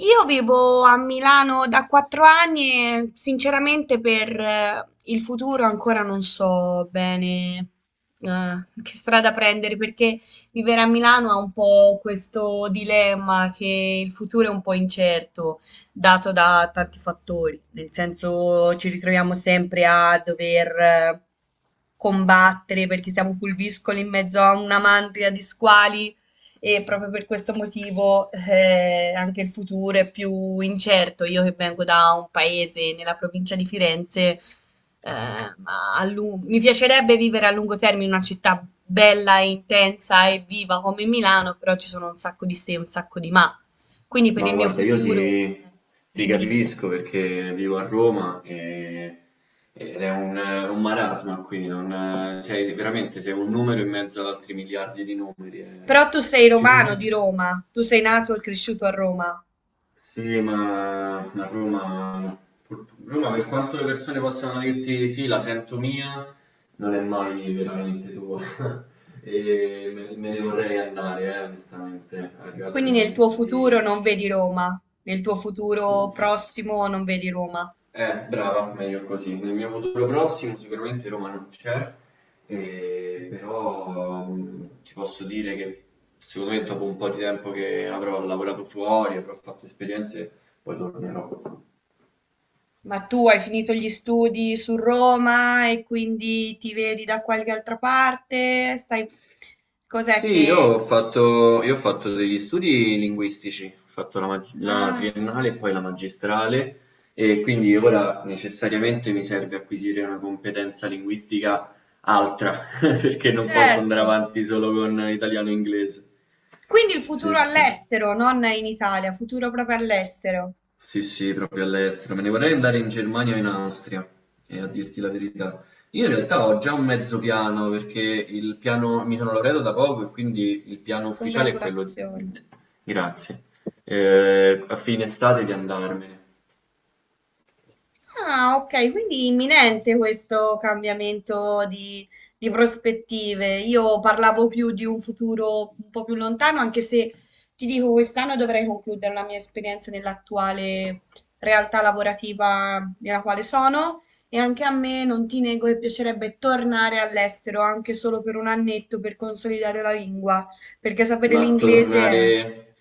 Io vivo a Milano da 4 anni e sinceramente per il futuro ancora non so bene eh, che strada prendere perché vivere a Milano ha un po' questo dilemma che il futuro è un po' incerto, dato da tanti fattori, nel senso ci ritroviamo sempre a dover combattere perché siamo pulviscoli in mezzo a una mandria di squali e proprio per questo motivo anche il futuro è più incerto. Io che vengo da un paese nella provincia di Firenze, mi piacerebbe vivere a lungo termine in una città bella e intensa e viva come Milano, però ci sono un sacco di se e un sacco di ma. Quindi per No, il mio guarda, io futuro, ti, ti dimmi, dimmi. capisco perché vivo a Roma ed è un marasma qui, veramente sei un numero in mezzo ad altri miliardi di numeri. Però tu sei Ci si romano di sente... Roma, tu sei nato e cresciuto a Roma, Sì, ma Roma, Roma, per quanto le persone possano dirti sì, la sento mia, non è mai veramente tua. E me ne vorrei andare, onestamente, è arrivato il quindi nel tuo momento futuro di. non vedi Roma, nel tuo futuro prossimo non vedi Roma. Brava, meglio così. Nel mio futuro prossimo sicuramente Roma non c'è, però ti posso dire che secondo me dopo un po' di tempo che avrò lavorato fuori, avrò fatto esperienze, poi tornerò. Ma tu hai finito gli studi su Roma e quindi ti vedi da qualche altra parte? Stai... Cos'è Sì, io ho che... fatto, io ho fatto degli studi linguistici, ho fatto la Ah, ok. triennale e poi la magistrale e quindi ora necessariamente mi serve acquisire una competenza linguistica altra, perché non posso andare Certo. avanti solo con italiano e inglese. Quindi il Sì, futuro sì. all'estero, non in Italia, futuro proprio all'estero. Sì, sì, proprio all'estero. Me ne vorrei andare in Germania o in Austria, e a dirti la verità. Io in realtà ho già un mezzo piano, perché il piano, mi sono laureato da poco e quindi il piano ufficiale è quello di, Congratulazioni. grazie, eh, a fine estate di andarmene. Ah, ok, quindi imminente questo cambiamento di prospettive. Io parlavo più di un futuro un po' più lontano, anche se ti dico, quest'anno dovrei concludere la mia esperienza nell'attuale realtà lavorativa nella quale sono e anche a me non ti nego che piacerebbe tornare all'estero, anche solo per un annetto, per consolidare la lingua, perché sapere Ma l'inglese è... tornare,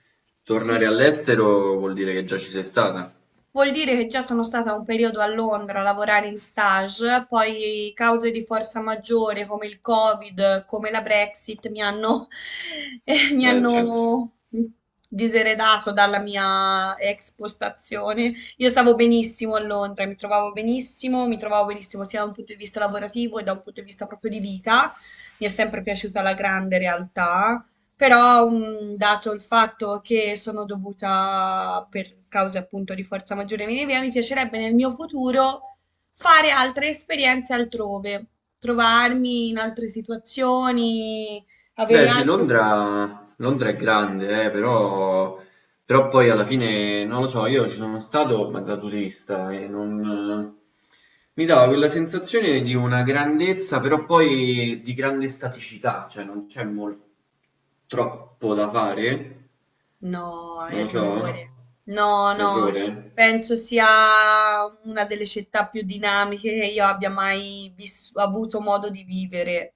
Sì. tornare all'estero vuol dire che già ci sei stata. Vuol dire che già sono stata un periodo a Londra a lavorare in stage, poi cause di forza maggiore come il Covid, come la Brexit mi hanno, mi Certo. hanno diseredato dalla mia ex postazione. Io stavo benissimo a Londra, mi trovavo benissimo sia da un punto di vista lavorativo che da un punto di vista proprio di vita. Mi è sempre piaciuta la grande realtà, però dato il fatto che sono dovuta per cause appunto di forza maggiore venire via, mi piacerebbe nel mio futuro fare altre esperienze altrove, trovarmi in altre situazioni, avere Beh sì, altre opportunità. Londra, Londra è grande, però poi alla fine, non lo so, io ci sono stato ma da turista e non... eh, mi dava quella sensazione di una grandezza, però poi di grande staticità, cioè non c'è troppo da fare, No, non lo so, errore. No, no, errore. penso sia una delle città più dinamiche che io abbia mai vis- avuto modo di vivere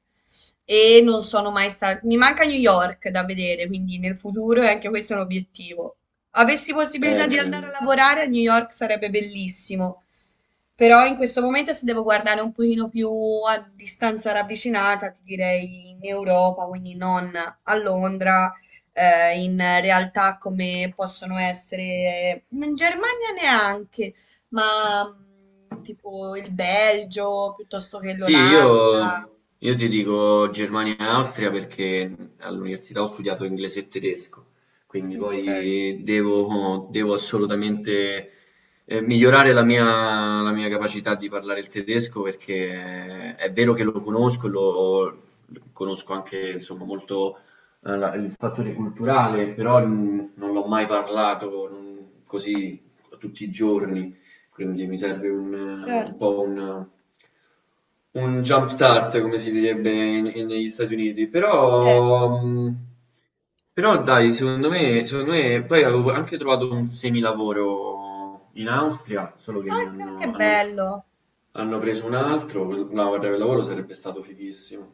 e non sono mai stata. Mi manca New York da vedere, quindi nel futuro è anche questo è un obiettivo. Avessi Eh, possibilità di andare a lavorare a New York sarebbe bellissimo, però in questo momento se devo guardare un pochino più a distanza ravvicinata, ti direi in Europa, quindi non a Londra in realtà come possono essere in Germania neanche, ma tipo il Belgio piuttosto che Sì, l'Olanda. io ti dico Germania e Austria perché all'università ho studiato inglese e tedesco, quindi Ok, poi devo assolutamente migliorare la mia capacità di parlare il tedesco perché è vero che lo conosco, conosco anche insomma, molto il fattore culturale, però non l'ho mai parlato così tutti i giorni, quindi mi serve un certo, po' un jump start come si direbbe in negli Stati Uniti, certo. però però dai secondo me poi avevo anche trovato un semilavoro in Austria, solo che Ah, mi che hanno hanno pre bello. hanno preso un altro, no guarda quel lavoro sarebbe stato fighissimo.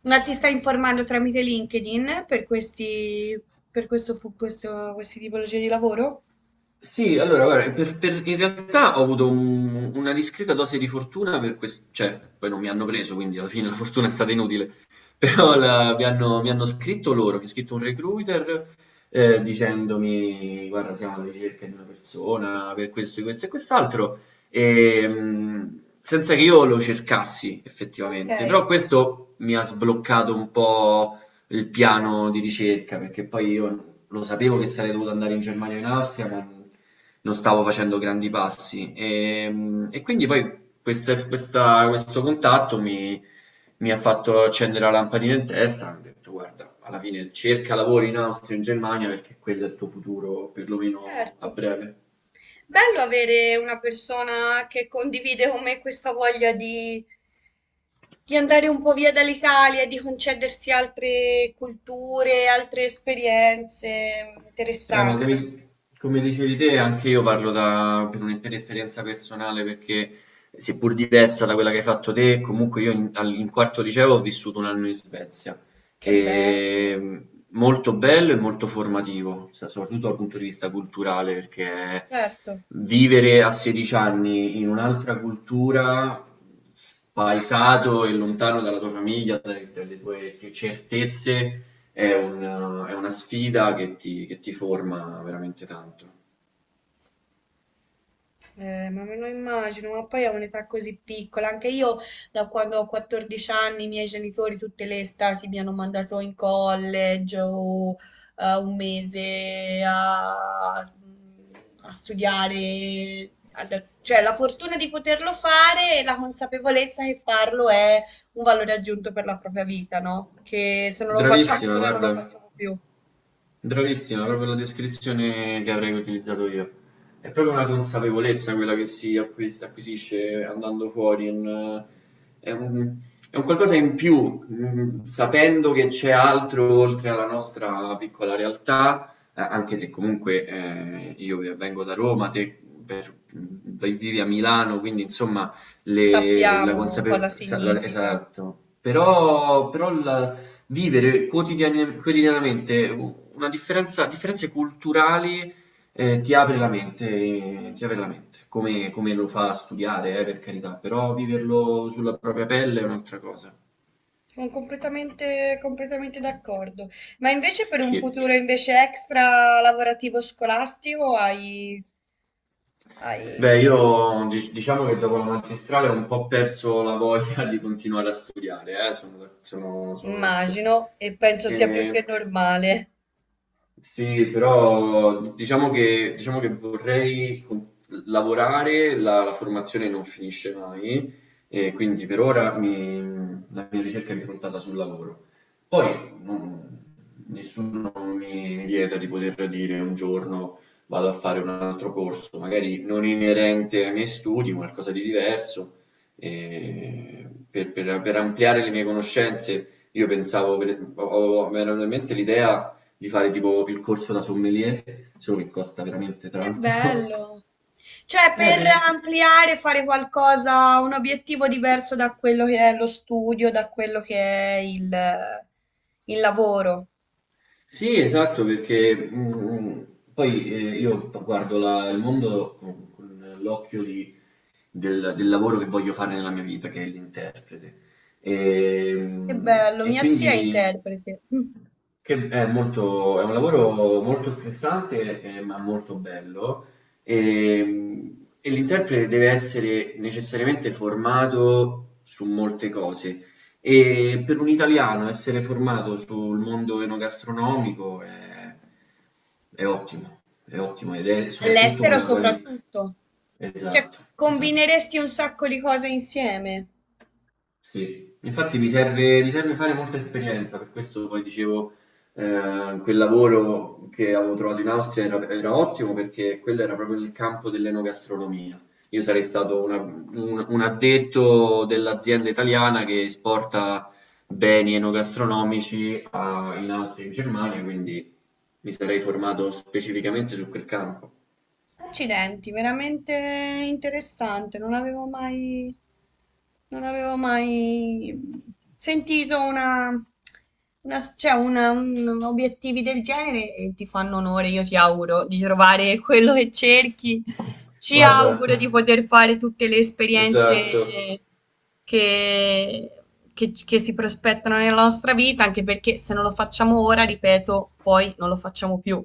Ma ti stai informando tramite LinkedIn per questi, per questi tipologie di lavoro? Sì, allora, guarda, in realtà ho avuto una discreta dose di fortuna per questo, cioè, poi non mi hanno preso, quindi alla fine la fortuna è stata inutile, però mi hanno scritto loro, mi ha scritto un recruiter dicendomi, guarda, siamo alla ricerca di una persona per questo, e questo e quest'altro, e, senza che io lo cercassi Ok, effettivamente, però questo mi ha sbloccato un po' il piano di ricerca, perché poi io lo sapevo che sarei dovuto andare in Germania o in Austria, ma non stavo facendo grandi passi. E quindi poi questo contatto mi ha fatto accendere la lampadina in testa. Ho detto, guarda, alla fine cerca lavoro in Austria, o in Germania, perché quello è il tuo futuro, perlomeno a certo. breve. Bello avere una persona che condivide con me questa voglia di andare un po' via dall'Italia, di concedersi altre culture, altre esperienze. Ma Interessante. come dicevi te, anche io parlo per esperienza personale perché, seppur diversa da quella che hai fatto te, comunque io in quarto liceo ho vissuto un anno in Svezia. Che E, bello, molto bello e molto formativo, soprattutto dal punto di vista culturale, perché certo. vivere a 16 anni in un'altra cultura, spaesato e lontano dalla tua famiglia, dalle tue sì, certezze è è una sfida che ti forma veramente tanto. Ma me lo immagino, ma poi a un'età così piccola, anche io da quando ho 14 anni i miei genitori tutte le estati mi hanno mandato in college o un mese a, mm, a studiare, cioè la fortuna di poterlo fare e la consapevolezza che farlo è un valore aggiunto per la propria vita, no? Che se non lo facciamo Bravissima, ora non lo guarda. facciamo più, Bravissima, proprio la descrizione che avrei utilizzato io. È proprio una consapevolezza quella che si acquisisce andando fuori, è un, è un qualcosa in più, sapendo che c'è altro oltre alla nostra piccola realtà, anche se comunque io vengo da Roma, te per- mm, vivi a Milano, quindi insomma la sappiamo cosa consapevolezza. significa. Esatto, però, però la Vivere quotidianamente una differenza differenze culturali, ti apre la mente ti apre la mente, come lo fa studiare per carità, però viverlo sulla propria pelle è un'altra cosa. Sono completamente, completamente d'accordo. Ma invece per un E futuro invece extra lavorativo scolastico hai, beh, hai, io diciamo che dopo la magistrale ho un po' perso la voglia di continuare a studiare sono da sono sono onesto. immagino, e penso sia più che Ehm normale. Sì, però diciamo che vorrei lavorare, la formazione non finisce mai, e quindi per ora la mia ricerca è improntata sul lavoro. Poi nessuno mi vieta di poter dire un giorno vado a fare un altro corso, magari non inerente ai miei studi, qualcosa di diverso, e per ampliare le mie conoscenze. Io pensavo, mi era venuta in mente l'idea di fare tipo il corso da sommelier, solo che costa veramente Che tanto. bello! Cioè, Eh, per per- ampliare, fare qualcosa, un obiettivo diverso da quello che è lo studio, da quello che è il lavoro. sì, esatto, perché poi io guardo il mondo con l'occhio del lavoro che voglio fare nella mia vita, che è l'interprete. E, Che mm, bello, e mia zia è quindi interprete. Mm. Che è molto è un lavoro molto stressante, ma molto bello, e l'interprete deve essere necessariamente formato su molte cose. E per un italiano essere formato sul mondo enogastronomico è ottimo ed è soprattutto All'estero una qualità. soprattutto. Cioè, Esatto, esatto. combineresti un sacco di cose insieme. Sì, infatti mi serve fare molta esperienza, per questo poi dicevo, quel lavoro che avevo trovato in Austria era ottimo perché quello era proprio nel campo dell'enogastronomia. Io sarei stato un addetto dell'azienda italiana che esporta beni enogastronomici in Austria e in Germania, quindi mi sarei formato specificamente su quel campo. Accidenti, veramente interessante, non avevo mai, non avevo mai sentito una, obiettivi del genere e ti fanno onore, io ti auguro di trovare quello che cerchi, ci Guarda, auguro di poter fare tutte le esperienze Esatto. che, che si prospettano nella nostra vita, anche perché se non lo facciamo ora, ripeto, poi non lo facciamo più.